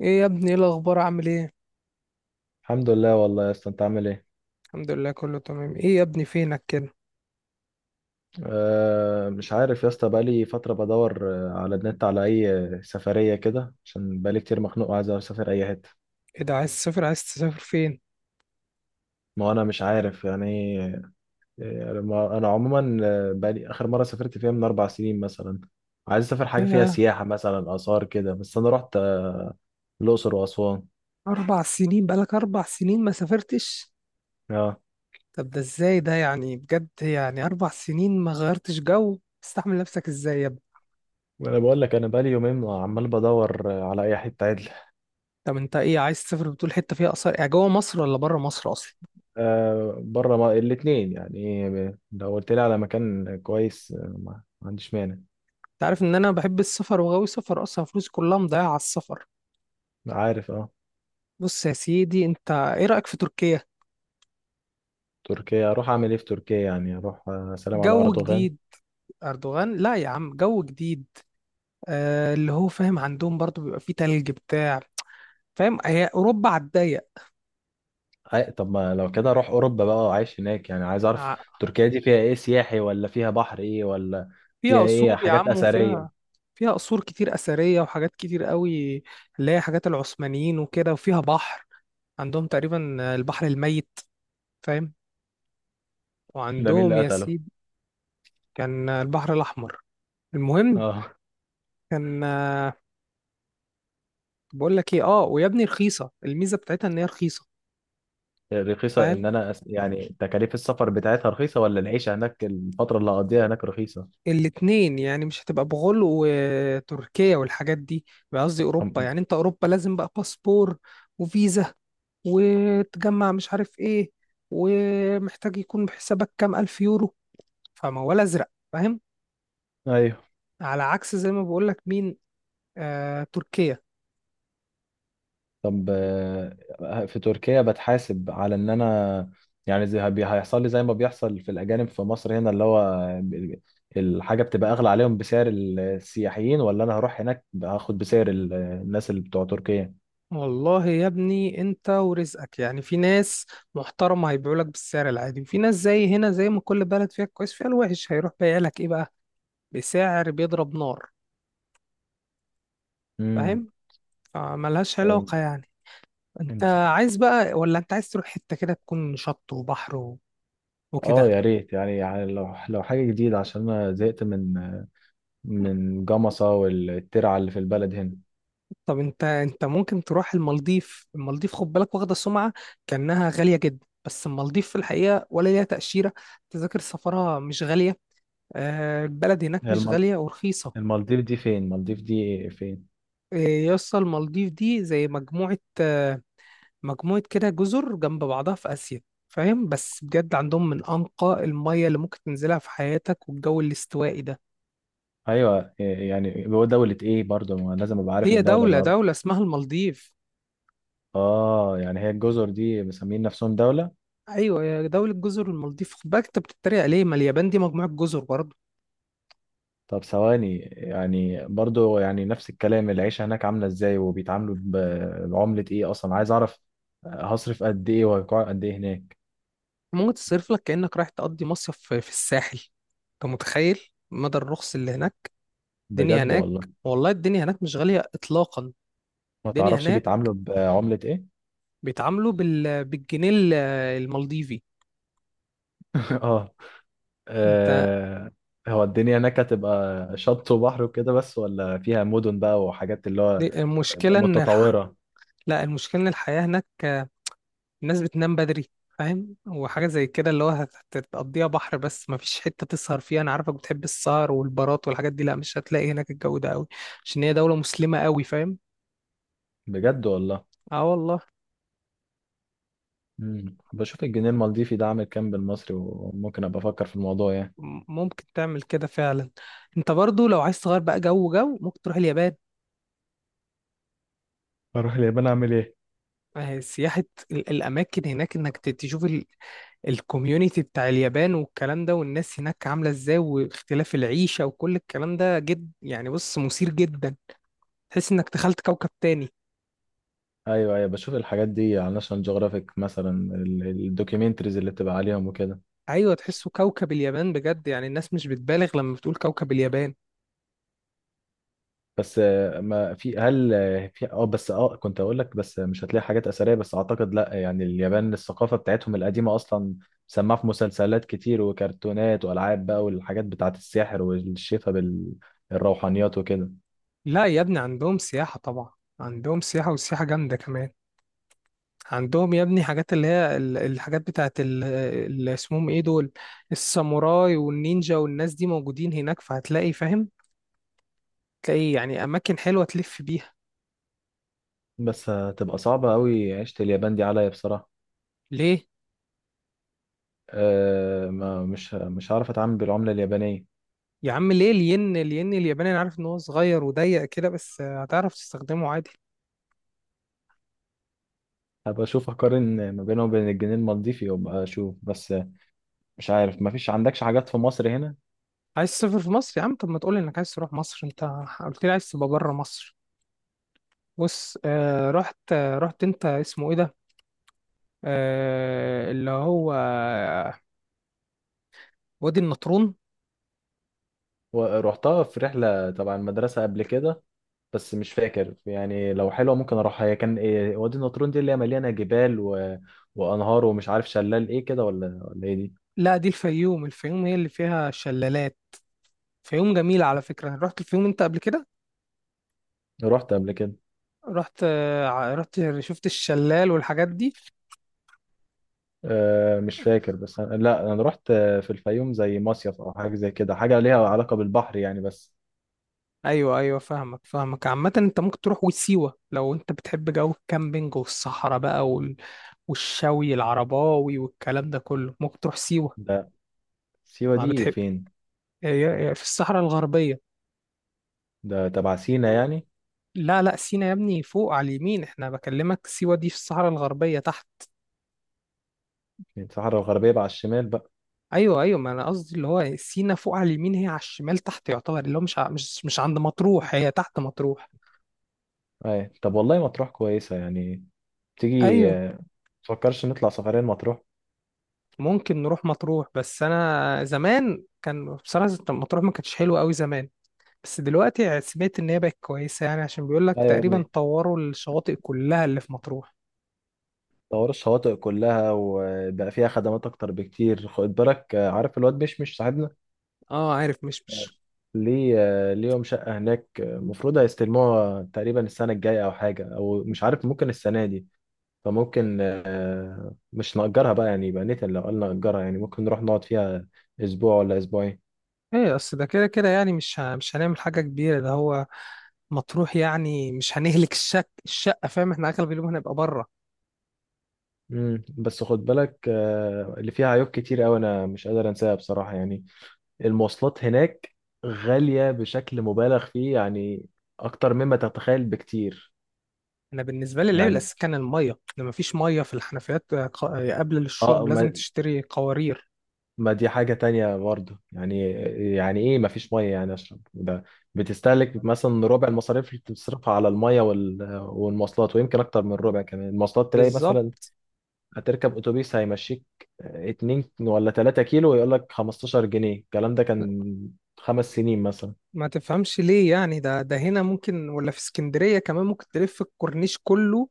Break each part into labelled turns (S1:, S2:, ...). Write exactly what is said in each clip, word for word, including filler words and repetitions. S1: ايه يا ابني، ايه الاخبار؟ عامل ايه؟
S2: الحمد لله، والله يا اسطى، انت عامل ايه؟
S1: الحمد لله، كله تمام. ايه يا ابني فينك كده؟
S2: أه مش عارف يا اسطى، بقالي فتره بدور آه، على النت على اي، آه، سفريه كده، عشان بقالي كتير مخنوق وعايز اسافر اي حته.
S1: ايه ده؟ عايز تسافر عايز تسافر فين؟
S2: ما انا مش عارف يعني. آه، ما- انا عموما آه، بقالي اخر مره سافرت فيها من اربع سنين مثلا. عايز اسافر حاجه فيها
S1: ياه!
S2: سياحه، مثلا اثار كده، بس انا رحت آه، الاقصر واسوان.
S1: اربع سنين؟ بقالك اربع سنين ما سافرتش؟
S2: اه،
S1: طب ده ازاي ده؟ يعني بجد، يعني اربع سنين ما غيرتش جو؟ تستحمل نفسك ازاي يا ابني؟
S2: وانا بقول لك انا بقالي يومين عمال بدور آه، على اي حته.
S1: طب انت ايه عايز تسافر؟ بتقول حته فيها اثار، يعني جوه مصر ولا بره مصر اصلا؟
S2: آه بره، ما... الاثنين يعني، ب- لو قلت لي على مكان كويس آه، ما ما عنديش مانع.
S1: انت عارف ان انا بحب السفر وغاوي سفر اصلا، فلوسي كلها مضيعه على السفر.
S2: عارف، اه.
S1: بص يا سيدي، انت ايه رايك في تركيا؟
S2: تركيا اروح اعمل ايه في تركيا يعني؟ اروح آه، سلام على
S1: جو
S2: اردوغان؟
S1: جديد. اردوغان؟ لا يا عم، جو جديد. آه، اللي هو فاهم، عندهم برضو بيبقى فيه تلج بتاع. فاهم؟ هي أوروبا على الضيق.
S2: أي... طب ما لو كده اروح اوروبا، بقى عايش هناك يعني، عايز اعرف.
S1: ع-
S2: تركيا دي فيها ايه سياحي، ولا فيها بحر، ايه ولا؟
S1: فيها
S2: فيها ايه،
S1: قصور يا
S2: حاجات
S1: عم وفيها.
S2: اثريه؟
S1: فيها قصور كتير أثرية وحاجات كتير قوي، اللي هي حاجات العثمانيين وكده، وفيها بحر. عندهم تقريبا البحر الميت، فاهم؟
S2: ده مين
S1: وعندهم
S2: اللي
S1: يا
S2: قتله؟
S1: سيدي، كان البحر الأحمر. المهم،
S2: اه.
S1: كان آه، بقول لك ايه، اه ويا ابني رخيصة، الميزة بتاعتها ان هي رخيصة.
S2: رخيصه؟
S1: فاهم؟
S2: ان انا أس... يعني تكاليف السفر بتاعتها رخيصه، ولا العيشه هناك الفتره اللي هقضيها هناك رخيصه؟
S1: الاتنين يعني، مش هتبقى بغل وتركيا والحاجات دي. بقى قصدي اوروبا،
S2: أم-
S1: يعني انت اوروبا لازم بقى باسبور وفيزا وتجمع مش عارف ايه، ومحتاج يكون بحسابك كام الف يورو، فموال ازرق، فاهم؟
S2: ايوه.
S1: على عكس زي ما بقولك مين؟ آه تركيا.
S2: طب آه، في تركيا بتحاسب على ان انا، يعني زي هبي- هيحصل لي زي ما بيحصل في الاجانب في مصر هنا، اللي هو ب- الحاجه بتبقى اغلى عليهم بسعر السياحيين، ولا انا هروح هناك هاخد بسعر ال- الناس اللي بتوع تركيا؟
S1: والله يا ابني انت ورزقك يعني، في ناس محترمة هيبيعولك بالسعر العادي، وفي ناس زي هنا، زي ما كل بلد فيها كويس فيها الوحش، هيروح بايع لك ايه بقى، بسعر بيضرب نار.
S2: امم
S1: فاهم؟ فملهاش
S2: طب
S1: علاقة يعني. انت
S2: انت،
S1: عايز بقى، ولا انت عايز تروح حتة كده تكون شط وبحر و- وكده؟
S2: اه يا ريت يعني، يعني لو لو حاجه جديده، عشان انا زهقت من من جمصه والترعه اللي في البلد هنا.
S1: طب انت انت ممكن تروح المالديف. المالديف خد بالك، واخدة سمعة كأنها غالية جدا، بس المالديف في الحقيقة ولا ليها تأشيرة. تذاكر سفرها مش غالية. آه، البلد هناك
S2: هي
S1: مش
S2: المال-
S1: غالية، ورخيصة.
S2: المالديف دي فين؟ المالديف دي فين؟
S1: آه، يا اسطى، المالديف دي زي مجموعة، آه، مجموعة كده جزر جنب بعضها في آسيا. فاهم؟ بس بجد عندهم من أنقى المية اللي ممكن تنزلها في حياتك، والجو الاستوائي ده.
S2: ايوه، إيه يعني، هو دولة ايه؟ برضه ما لازم ابقى عارف
S1: هي
S2: الدولة اللي
S1: دولة،
S2: اروح.
S1: دولة اسمها المالديف.
S2: اه، يعني هي الجزر دي مسمين نفسهم دولة؟
S1: أيوة، يا دولة جزر المالديف خد بالك، أنت بتتريق ليه؟ ما اليابان دي مجموعة جزر برضه.
S2: طب ثواني، يعني برضه، يعني نفس الكلام، العيشة هناك عاملة ازاي؟ وبيتعاملوا ب- بعملة ايه اصلا؟ عايز اعرف هصرف قد ايه، وهقعد قد ايه هناك.
S1: ممكن تصرف لك كأنك رايح تقضي مصيف في في الساحل. أنت متخيل مدى الرخص اللي هناك؟ الدنيا
S2: بجد
S1: هناك،
S2: والله.
S1: والله الدنيا هناك مش غالية إطلاقا.
S2: ما
S1: الدنيا
S2: تعرفش
S1: هناك
S2: بيتعاملوا بعملة ايه؟
S1: بيتعاملوا بال... بالجنيه ال- المالديفي.
S2: اه.
S1: أنت،
S2: آه، هو الدنيا هناك هتبقى شط وبحر وكده بس، ولا فيها مدن بقى وحاجات اللي هو
S1: المشكلة إن الح...
S2: متطورة؟
S1: لا، المشكلة إن الحياة هناك، الناس بتنام بدري، فاهم؟ وحاجة زي كده اللي هو هت- هتقضيها بحر، بس مفيش حتة تسهر فيها. أنا عارفك بتحب السهر والبارات والحاجات دي، لأ مش هتلاقي هناك الجو ده أوي، عشان هي دولة مسلمة أوي، فاهم؟
S2: بجد والله.
S1: اه والله.
S2: مم. بشوف الجنيه المالديفي ده عامل كام بالمصري، وممكن ابقى افكر في الموضوع يعني.
S1: م- ممكن تعمل كده فعلا. انت برضو لو عايز تغير بقى جو، جو ممكن تروح اليابان.
S2: اروح اليابان اعمل ايه؟
S1: آه، سياحة. ال- الأماكن هناك، إنك ت- تشوف ال- الكوميونيتي بتاع اليابان والكلام ده، والناس هناك عاملة إزاي، واختلاف العيشة، وكل الكلام ده جد يعني، بص مثير جدا. تحس إنك دخلت كوكب تاني.
S2: ايوه، ايوه، بشوف الحاجات دي على ناشونال جيوغرافيك مثلا، الدوكيومنتريز اللي بتبقى عليهم وكده.
S1: ايوه تحسه كوكب اليابان بجد، يعني الناس مش بتبالغ لما بتقول كوكب اليابان.
S2: بس آه، ما في هل آه، في اه بس اه كنت اقول لك، بس مش هتلاقي حاجات اثريه، بس اعتقد لا، يعني اليابان الثقافه بتاعتهم القديمه اصلا سماها في مسلسلات كتير وكرتونات والعاب بقى، والحاجات بتاعت السحر والشفا بالروحانيات وكده.
S1: لا يا ابني، عندهم سياحة طبعا. عندهم سياحة، والسياحة جامدة كمان. عندهم يا ابني حاجات، اللي هي ال- الحاجات بتاعت ال- اللي اسمهم ايه دول، الساموراي والنينجا، والناس دي موجودين هناك فهتلاقي، فاهم؟ تلاقي يعني اماكن حلوة تلف بيها.
S2: بس هتبقى صعبه قوي عيشه اليابان دي عليا بصراحه.
S1: ليه؟
S2: أه ما مش مش هعرف اتعامل بالعملة اليابانية.
S1: يا عم ليه، الين، الين الياباني انا عارف ان هو صغير وضيق كده، بس هتعرف تستخدمه عادي.
S2: هبقى اشوف اقارن ما بينه وبين الجنيه المالديفي، وابقى اشوف بس. مش عارف، ما فيش عندكش حاجات في مصر هنا؟
S1: عايز تسافر في مصر يا عم؟ طب ما تقول انك عايز تروح مصر، انت قلت لي عايز تبقى بره مصر. بص، آه رحت آه رحت انت اسمه ايه ده، آه اللي هو آه، وادي النطرون.
S2: ورحتها في رحلة تبع المدرسة قبل كده، بس مش فاكر. يعني لو حلوة ممكن اروحها. هي كان إيه وادي النطرون دي، اللي هي مليانة جبال و... وانهار ومش عارف شلال ايه كده، ولا ولا ايه دي؟
S1: لا دي الفيوم، الفيوم هي اللي فيها شلالات. فيوم جميلة على فكرة، رحت الفيوم انت قبل كده؟
S2: رحت قبل كده.
S1: رحت آه ع- رحت شفت الشلال والحاجات دي؟
S2: أه مش فاكر، بس أنا... لا انا رحت في الفيوم زي مصيف او حاجة زي كده، حاجة ليها علاقة بالبحر يعني بس.
S1: ايوه ايوه، فاهمك فاهمك. عامة انت ممكن تروح وسيوة لو انت بتحب جو الكامبينج والصحراء بقى، وال- والشوي العرباوي والكلام ده كله، ممكن تروح سيوة.
S2: ده سيوة
S1: ما
S2: دي
S1: بتحب؟
S2: فين؟
S1: هي هي في الصحراء الغربية.
S2: ده تبع سينا يعني؟
S1: لا لا، سينا يا ابني فوق على اليمين، احنا بكلمك سيوة دي في الصحراء الغربية تحت.
S2: الصحراء الغربية بقى، على الشمال بقى.
S1: ايوه ايوه، ما انا قصدي اللي هو سينا فوق على اليمين، هي على الشمال تحت يعتبر، اللي هو مش ع- مش مش عند مطروح، هي تحت مطروح.
S2: أي. طب والله مطروح كويسة يعني. تيجي
S1: ايوه،
S2: آه، تفكرش نطلع سفرين مطروح؟
S1: ممكن نروح مطروح، بس انا زمان كان بصراحة مطروح ما كانتش حلوة قوي زمان، بس دلوقتي سمعت ان هي بقت كويسة، يعني عشان بيقول لك
S2: أيوة يا
S1: تقريبا
S2: ابني.
S1: طوروا الشواطئ كلها اللي في مطروح.
S2: طور الشواطئ كلها، وبقى فيها خدمات أكتر بكتير. خد بالك آه، عارف الواد مش مش صاحبنا؟
S1: اه عارف، مش مش.
S2: ليه آه، ليهم شقة هناك، المفروض هيستلموها تقريبا السنة الجاية أو حاجة، أو مش عارف، ممكن السنة دي. فممكن آه، مش نأجرها بقى يعني، يبقى نتن لو قلنا نأجرها يعني، ممكن نروح نقعد فيها أسبوع ولا أسبوعين.
S1: ايه، اصل ده كده كده يعني مش ه- مش هنعمل حاجة كبيرة، ده هو مطروح يعني، مش هنهلك الشك الشقة، فاهم؟ احنا اغلب اليوم هنبقى بره.
S2: مم. بس خد بالك آه، اللي فيها عيوب كتير قوي انا مش قادر انساها بصراحة يعني. المواصلات هناك غالية بشكل مبالغ فيه يعني، اكتر مما تتخيل بكتير.
S1: انا بالنسبة لي العيب
S2: يعني
S1: الاساسي كان المية، لما مفيش مية في الحنفيات، آه، ق- آه، قبل
S2: اه.
S1: الشرب لازم
S2: ما,
S1: تشتري قوارير.
S2: ما دي حاجة تانية برضه يعني. يعني ايه ما فيش مية يعني اشرب ده؟ بتستهلك مثلا ربع المصاريف اللي بتصرفها على المية وال- والمواصلات، ويمكن اكتر من ربع كمان. المواصلات تلاقي مثلا
S1: بالظبط،
S2: هتركب اتوبيس هيمشيك اتنين ولا تلاتة كيلو ويقول لك خمسة عشر جنيه. الكلام ده كان خمس سنين مثلا.
S1: ما تفهمش ليه يعني، ده ده هنا ممكن ولا في اسكندرية كمان ممكن تلف الكورنيش كله،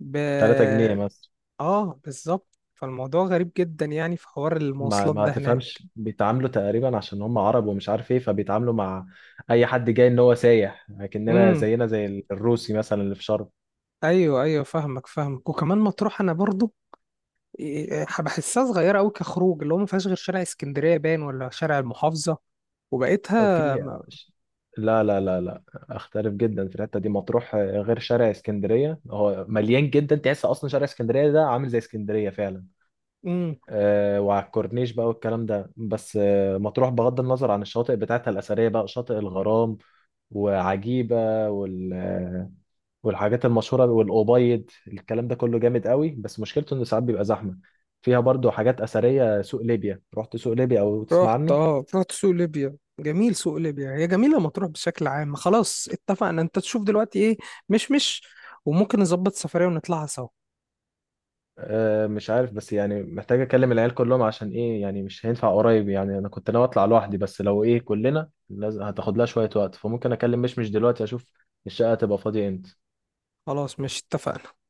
S1: ب
S2: تلاتة جنيه مثلا.
S1: اه بالظبط، فالموضوع غريب جدا يعني في حوار
S2: ما
S1: المواصلات
S2: ما
S1: ده هناك.
S2: تفهمش، بيتعاملوا تقريبا عشان هم عرب ومش عارف ايه، فبيتعاملوا مع اي حد جاي ان هو سايح، لكننا
S1: امم.
S2: زينا زي الروسي مثلا اللي في شرم.
S1: ايوه ايوه، فاهمك فاهمك، وكمان مطروح انا برضو إيه، بحسها صغيرة أوي كخروج، اللي هو ما فيهاش غير شارع اسكندرية باين ولا شارع المحافظة وبقيتها
S2: في...
S1: ما...
S2: لا لا لا لا، اختلف جدا في الحته دي. مطروح غير، شارع اسكندريه هو مليان جدا، تحس اصلا شارع اسكندريه ده عامل زي اسكندريه فعلا.
S1: مم.
S2: آه، وعلى الكورنيش بقى والكلام ده، بس آه، مطروح بغض النظر عن الشواطئ بتاعتها الأثرية بقى، شاطئ الغرام وعجيبة وال... آه، والحاجات المشهورة والأوبايد، الكلام ده كله جامد قوي، بس مشكلته إنه ساعات بيبقى زحمة. فيها برضو حاجات أثرية، سوق ليبيا، رحت سوق ليبيا أو تسمع
S1: رحت،
S2: عنه؟
S1: اه رحت سوق ليبيا. جميل سوق ليبيا، هي جميلة مطروح بشكل عام. خلاص اتفقنا، انت تشوف دلوقتي ايه، مش مش وممكن نظبط سفرية ونطلعها سوا.
S2: آه، مش عارف، بس يعني محتاج أكلم العيال كلهم. عشان إيه يعني؟ مش هينفع قريب يعني، أنا كنت ناوي أطلع لوحدي، بس لو إيه كلنا لازم هتاخد لها شوية وقت، فممكن أكلم مش مش دلوقتي، أشوف الشقة هتبقى فاضية إمتى.
S1: خلاص، مش اتفقنا؟